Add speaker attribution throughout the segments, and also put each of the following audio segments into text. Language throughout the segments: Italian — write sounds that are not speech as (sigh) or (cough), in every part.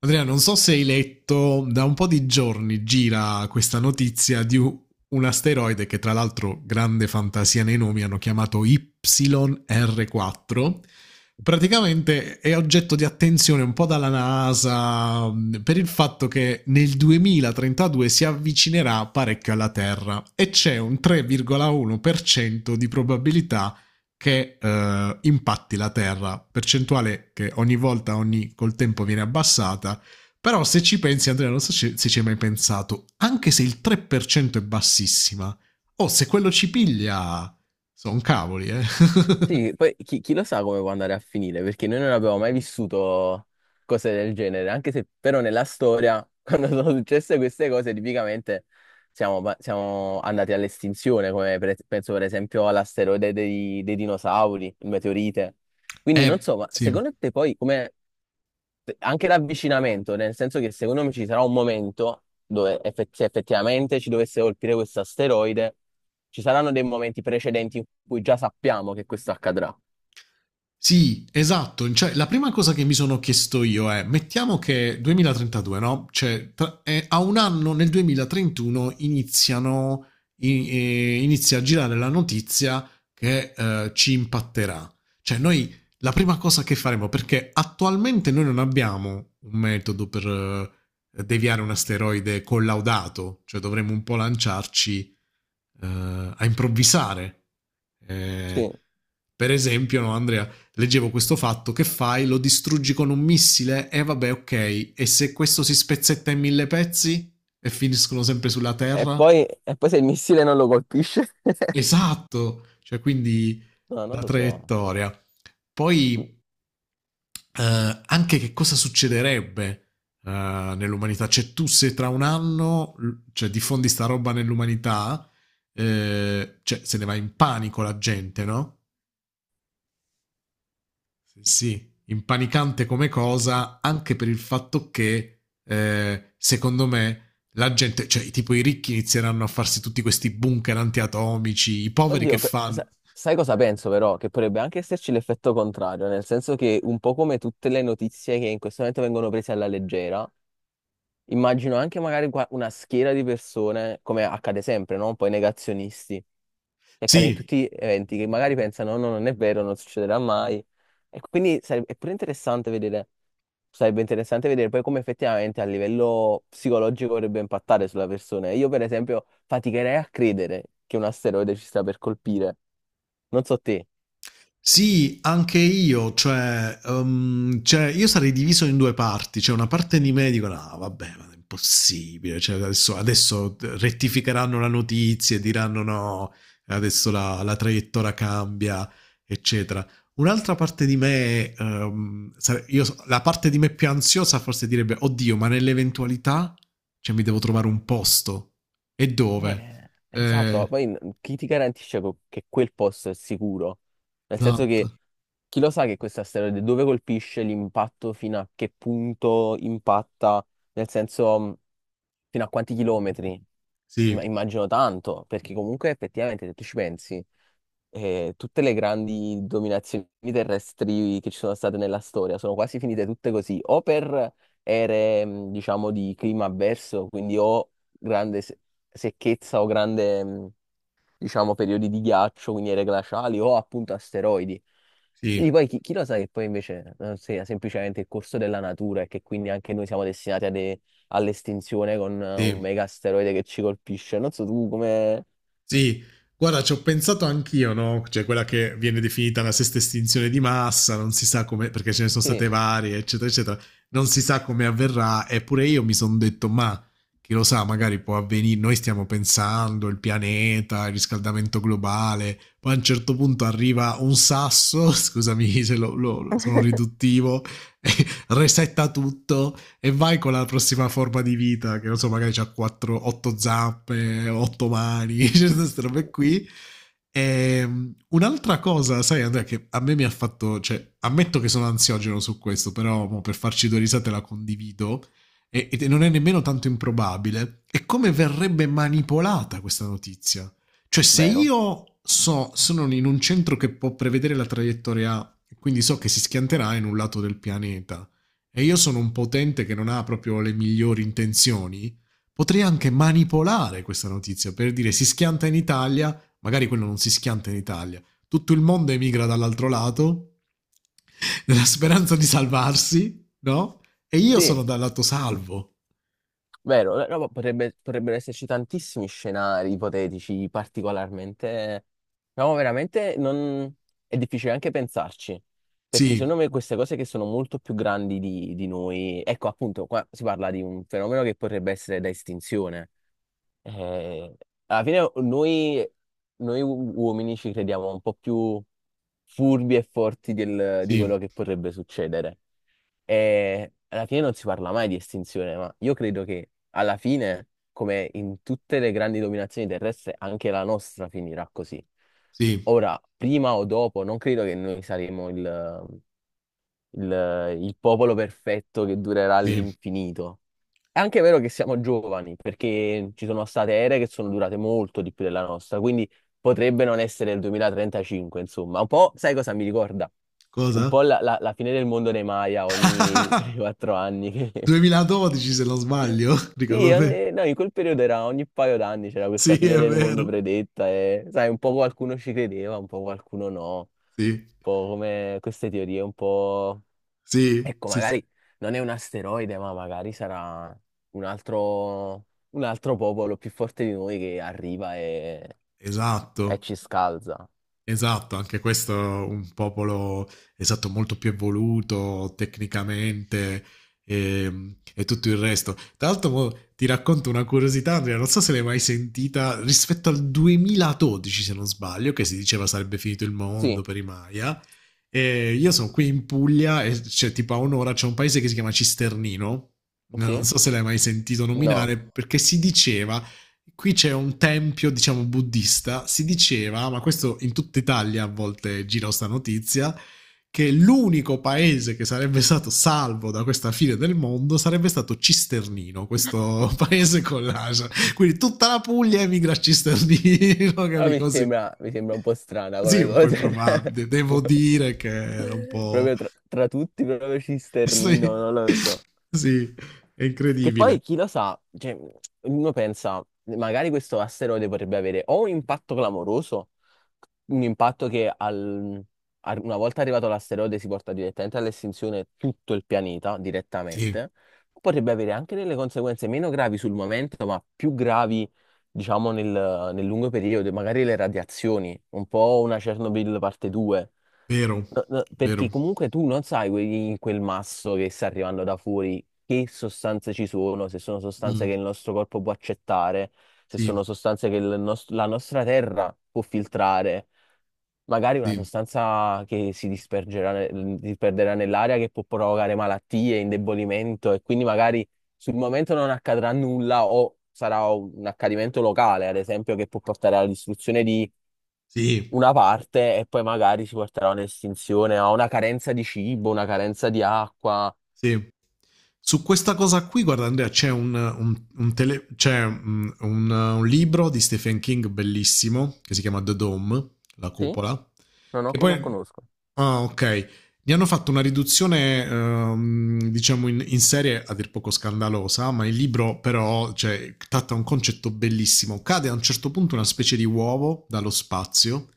Speaker 1: Andrea, non so se hai letto, da un po' di giorni gira questa notizia di un asteroide che tra l'altro, grande fantasia nei nomi, hanno chiamato YR4. Praticamente è oggetto di attenzione un po' dalla NASA per il fatto che nel 2032 si avvicinerà parecchio alla Terra e c'è un 3,1% di probabilità che impatti la Terra, percentuale che ogni volta, col tempo viene abbassata, però se ci pensi Andrea, non so se ci hai mai pensato, anche se il 3% è bassissima, oh, se quello ci piglia, sono cavoli, eh.
Speaker 2: Sì,
Speaker 1: (laughs)
Speaker 2: poi chi lo sa come può andare a finire, perché noi non abbiamo mai vissuto cose del genere, anche se però nella storia, (laughs) quando sono successe queste cose, tipicamente siamo andati all'estinzione, come penso per esempio all'asteroide dei dinosauri, il meteorite. Quindi non
Speaker 1: Eh,
Speaker 2: so, ma
Speaker 1: sì.
Speaker 2: secondo te poi come anche l'avvicinamento, nel senso che secondo me ci sarà un momento dove se effettivamente ci dovesse colpire questo asteroide, ci saranno dei momenti precedenti in cui già sappiamo che questo accadrà.
Speaker 1: Sì, esatto. Cioè, la prima cosa che mi sono chiesto io è, mettiamo che 2032, no? Cioè, a un anno, nel 2031, iniziano, inizia a girare la notizia che ci impatterà. Cioè, noi la prima cosa che faremo, perché attualmente noi non abbiamo un metodo per deviare un asteroide collaudato, cioè dovremmo un po' lanciarci eh, a improvvisare. Eh,
Speaker 2: Sì.
Speaker 1: per esempio, no, Andrea, leggevo questo fatto, che fai? Lo distruggi con un missile? E vabbè, ok. E se questo si spezzetta in mille pezzi? E finiscono sempre sulla
Speaker 2: E
Speaker 1: Terra?
Speaker 2: poi, e poi, se il missile non lo colpisce? (laughs)
Speaker 1: Esatto! Cioè, quindi
Speaker 2: No, non
Speaker 1: la
Speaker 2: lo so.
Speaker 1: traiettoria. Poi anche che cosa succederebbe nell'umanità? Cioè, tu se tra un anno cioè, diffondi sta roba nell'umanità, cioè, se ne va in panico la gente, no? Sì, sì, impanicante come cosa, anche per il fatto che, secondo me, la gente, cioè tipo i ricchi inizieranno a farsi tutti questi bunker antiatomici, i poveri che
Speaker 2: Oddio,
Speaker 1: fanno?
Speaker 2: sai cosa penso però? Che potrebbe anche esserci l'effetto contrario, nel senso che un po' come tutte le notizie che in questo momento vengono prese alla leggera. Immagino anche magari una schiera di persone, come accade sempre, no? Poi negazionisti, che accade in
Speaker 1: Sì,
Speaker 2: tutti gli eventi, che magari pensano no, no, non è vero, non succederà mai. E quindi sarebbe, è pure interessante vedere, sarebbe interessante vedere poi come effettivamente a livello psicologico vorrebbe impattare sulla persona. Io per esempio faticherei a credere che un asteroide ci sta per colpire. Non so te.
Speaker 1: sì, anche io, cioè, cioè, io sarei diviso in due parti, cioè una parte di me dico no, vabbè, ma è impossibile, cioè, adesso rettificheranno la notizia e diranno no, adesso la traiettoria cambia, eccetera. Un'altra parte di me, la parte di me più ansiosa forse direbbe, oddio, ma nell'eventualità, cioè, mi devo trovare un posto. E dove?
Speaker 2: Esatto,
Speaker 1: Eh,
Speaker 2: poi chi ti garantisce che quel posto è sicuro? Nel senso che
Speaker 1: esatto.
Speaker 2: chi lo sa che questo asteroide dove colpisce l'impatto, fino a che punto impatta, nel senso fino a quanti chilometri?
Speaker 1: Sì,
Speaker 2: Ma immagino tanto, perché comunque effettivamente se tu ci pensi, tutte le grandi dominazioni terrestri che ci sono state nella storia sono quasi finite tutte così, o per ere, diciamo, di clima avverso, quindi o grande secchezza o grande, diciamo, periodi di ghiaccio, quindi ere glaciali, o appunto asteroidi.
Speaker 1: sì,
Speaker 2: Quindi poi chi lo sa che poi invece sia semplicemente il corso della natura e che quindi anche noi siamo destinati all'estinzione con un
Speaker 1: sì.
Speaker 2: mega asteroide che ci colpisce. Non so tu come.
Speaker 1: Sì, guarda, ci ho pensato anch'io, no? Cioè, quella che viene definita la sesta estinzione di massa, non si sa come, perché ce ne sono state
Speaker 2: Sì,
Speaker 1: varie, eccetera, eccetera, non si sa come avverrà, eppure io mi sono detto, ma chi lo sa, magari può avvenire, noi stiamo pensando, il pianeta, il riscaldamento globale, poi a un certo punto arriva un sasso, (laughs) scusami se sono riduttivo, (laughs) resetta tutto e vai con la prossima forma di vita, che non so, magari c'ha 4, 8 zappe, 8 mani, (laughs) cioè queste robe qui. E, un'altra cosa, sai Andrea, che a me mi ha fatto, cioè, ammetto che sono ansiogeno su questo, però mo, per farci due risate la condivido, e non è nemmeno tanto improbabile, è come verrebbe manipolata questa notizia. Cioè, se
Speaker 2: vero?
Speaker 1: io so, sono in un centro che può prevedere la traiettoria A, quindi so che si schianterà in un lato del pianeta, e io sono un potente che non ha proprio le migliori intenzioni, potrei anche manipolare questa notizia per dire si schianta in Italia, magari quello non si schianta in Italia, tutto il mondo emigra dall'altro lato (laughs) nella speranza di salvarsi, no? E io sono
Speaker 2: Sì.
Speaker 1: dal lato salvo.
Speaker 2: Vero, no, ma potrebbero esserci tantissimi scenari ipotetici, particolarmente. No, veramente non. È difficile anche pensarci, perché secondo
Speaker 1: Sì,
Speaker 2: me queste cose che sono molto più grandi di noi, ecco appunto, qua si parla di un fenomeno che potrebbe essere da estinzione. Eh, Alla fine noi uomini ci crediamo un po' più furbi e forti di
Speaker 1: sì,
Speaker 2: quello che potrebbe succedere. E alla fine non si parla mai di estinzione, ma io credo che alla fine, come in tutte le grandi dominazioni terrestri, anche la nostra finirà così.
Speaker 1: sì,
Speaker 2: Ora, prima o dopo, non credo che noi saremo il popolo perfetto che durerà
Speaker 1: sì.
Speaker 2: all'infinito. È anche vero che siamo giovani, perché ci sono state ere che sono durate molto di più della nostra, quindi potrebbe non essere il 2035, insomma. Un po', sai cosa mi ricorda? Un
Speaker 1: Cosa?
Speaker 2: po' la fine del mondo dei Maya ogni (laughs)
Speaker 1: (laughs)
Speaker 2: 3-4 anni.
Speaker 1: 2012 se non sbaglio, (laughs)
Speaker 2: (laughs) Sì,
Speaker 1: ricordo me.
Speaker 2: no, in quel periodo era ogni paio d'anni c'era
Speaker 1: Sì,
Speaker 2: questa fine
Speaker 1: è
Speaker 2: del mondo
Speaker 1: vero.
Speaker 2: predetta e, sai, un po' qualcuno ci credeva, un po' qualcuno no. Un
Speaker 1: Sì,
Speaker 2: po' come queste teorie, un po'.
Speaker 1: sì,
Speaker 2: Ecco,
Speaker 1: sì, sì.
Speaker 2: magari non è un asteroide, ma magari sarà un altro, un altro, popolo più forte di noi che arriva e,
Speaker 1: Esatto.
Speaker 2: e ci scalza.
Speaker 1: Esatto, anche questo è un popolo esatto, molto più evoluto tecnicamente e tutto il resto. Tra l'altro mo ti racconto una curiosità, Andrea, non so se l'hai mai sentita, rispetto al 2012, se non sbaglio, che si diceva sarebbe finito il mondo
Speaker 2: Sì,
Speaker 1: per i Maya. E io sono qui in Puglia e c'è tipo a un'ora c'è un paese che si chiama Cisternino. Non
Speaker 2: sì,
Speaker 1: so se l'hai mai sentito
Speaker 2: no.
Speaker 1: nominare perché si diceva. Qui c'è un tempio, diciamo, buddista. Si diceva, ma questo in tutta Italia a volte gira sta notizia, che l'unico paese che sarebbe stato salvo da questa fine del mondo sarebbe stato Cisternino, questo (laughs) paese con l'Asia. Quindi tutta la Puglia emigra a Cisternino, (laughs)
Speaker 2: Però
Speaker 1: capi
Speaker 2: mi
Speaker 1: così.
Speaker 2: sembra, mi sembra un po' strana
Speaker 1: Sì,
Speaker 2: come
Speaker 1: un po'
Speaker 2: cosa.
Speaker 1: improbabile. Devo
Speaker 2: (laughs)
Speaker 1: dire che era un
Speaker 2: (laughs)
Speaker 1: po'...
Speaker 2: Proprio tra tutti, proprio
Speaker 1: (laughs)
Speaker 2: Cisternino,
Speaker 1: Sì,
Speaker 2: non lo so.
Speaker 1: sì, è
Speaker 2: Che
Speaker 1: incredibile.
Speaker 2: poi chi lo sa, cioè, uno pensa, magari questo asteroide potrebbe avere o un impatto clamoroso, un impatto che una volta arrivato l'asteroide si porta direttamente all'estinzione tutto il pianeta,
Speaker 1: Sì,
Speaker 2: direttamente, potrebbe avere anche delle conseguenze meno gravi sul momento, ma più gravi, diciamo, nel lungo periodo, magari le radiazioni, un po' una Chernobyl parte 2.
Speaker 1: vero,
Speaker 2: No, no, perché
Speaker 1: vero.
Speaker 2: comunque tu non sai in quel masso che sta arrivando da fuori che sostanze ci sono, se sono sostanze
Speaker 1: Mm,
Speaker 2: che il nostro corpo può accettare, se
Speaker 1: sì,
Speaker 2: sono sostanze che la nostra terra può filtrare, magari una
Speaker 1: sì.
Speaker 2: sostanza che si dispergerà, disperderà nell'aria, che può provocare malattie, indebolimento e quindi magari sul momento non accadrà nulla o sarà un accadimento locale, ad esempio, che può portare alla distruzione di
Speaker 1: Sì,
Speaker 2: una parte e poi magari si porterà a un'estinzione, a una carenza di cibo, una carenza di acqua.
Speaker 1: sì. Su questa cosa qui, guarda Andrea, c'è un tele- c'è, mm, un libro di Stephen King bellissimo che si chiama The Dome, la
Speaker 2: Sì?
Speaker 1: cupola,
Speaker 2: Non, ho-
Speaker 1: che
Speaker 2: non
Speaker 1: poi...
Speaker 2: conosco.
Speaker 1: Ah, ok. Ne hanno fatto una riduzione, diciamo, in serie a dir poco scandalosa, ma il libro però, cioè, tratta un concetto bellissimo. Cade a un certo punto una specie di uovo dallo spazio.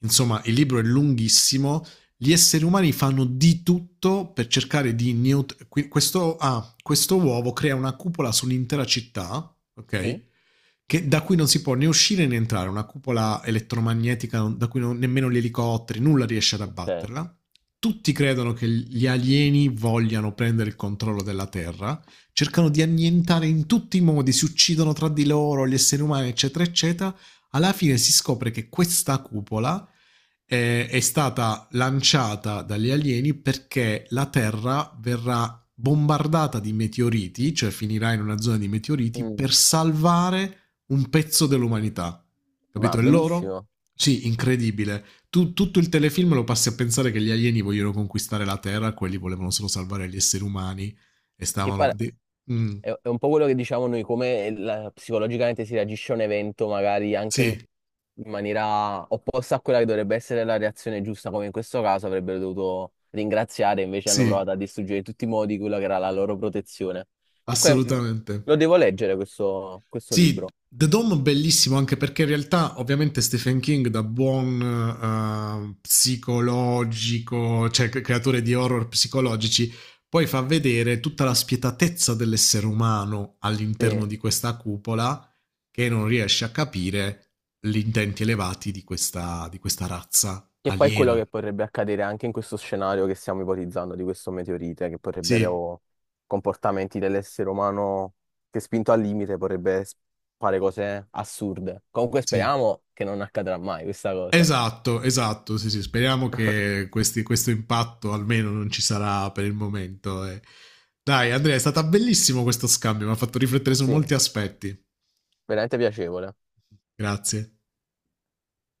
Speaker 1: Insomma, il libro è lunghissimo. Gli esseri umani fanno di tutto per cercare di questo uovo crea una cupola sull'intera città, ok?
Speaker 2: Sì?
Speaker 1: Che da cui non si può né uscire né entrare, una cupola elettromagnetica da cui nemmeno gli elicotteri, nulla riesce ad
Speaker 2: Ok.
Speaker 1: abbatterla. Tutti credono che gli alieni vogliano prendere il controllo della Terra, cercano di annientare in tutti i modi, si uccidono tra di loro gli esseri umani, eccetera, eccetera. Alla fine si scopre che questa cupola è stata lanciata dagli alieni perché la Terra verrà bombardata di meteoriti, cioè finirà in una zona di meteoriti,
Speaker 2: Mm.
Speaker 1: per salvare un pezzo dell'umanità.
Speaker 2: Ma
Speaker 1: Capito? E loro?
Speaker 2: bellissimo.
Speaker 1: Sì, incredibile. Tutto il telefilm lo passi a pensare che gli alieni vogliono conquistare la Terra, quelli volevano solo salvare gli esseri umani e
Speaker 2: Che
Speaker 1: stavano...
Speaker 2: pare.
Speaker 1: de- Mm,
Speaker 2: È un po' quello che diciamo noi, come psicologicamente si reagisce a un evento, magari anche in
Speaker 1: sì,
Speaker 2: maniera opposta a quella che dovrebbe essere la reazione giusta, come in questo caso avrebbero dovuto ringraziare, invece hanno
Speaker 1: sì,
Speaker 2: provato a distruggere in tutti i modi quella che era la loro protezione. Comunque,
Speaker 1: assolutamente.
Speaker 2: lo devo leggere questo
Speaker 1: Sì,
Speaker 2: libro.
Speaker 1: The Dome bellissimo anche perché in realtà ovviamente Stephen King da buon psicologico, cioè creatore di horror psicologici, poi fa vedere tutta la spietatezza dell'essere umano all'interno
Speaker 2: Sì.
Speaker 1: di questa cupola che non riesce a capire gli intenti elevati di di questa razza
Speaker 2: Che poi è quello
Speaker 1: aliena.
Speaker 2: che potrebbe accadere anche in questo scenario che stiamo ipotizzando di questo meteorite, che
Speaker 1: Sì,
Speaker 2: potrebbero comportamenti dell'essere umano che spinto al limite potrebbe fare cose assurde. Comunque
Speaker 1: sì.
Speaker 2: speriamo che non accadrà mai questa cosa.
Speaker 1: Esatto, esatto, sì, sì, speriamo che questo impatto almeno non ci sarà per il momento, eh. Dai, Andrea, è stato bellissimo questo scambio, mi ha fatto riflettere su
Speaker 2: Sì,
Speaker 1: molti aspetti.
Speaker 2: veramente piacevole.
Speaker 1: Grazie.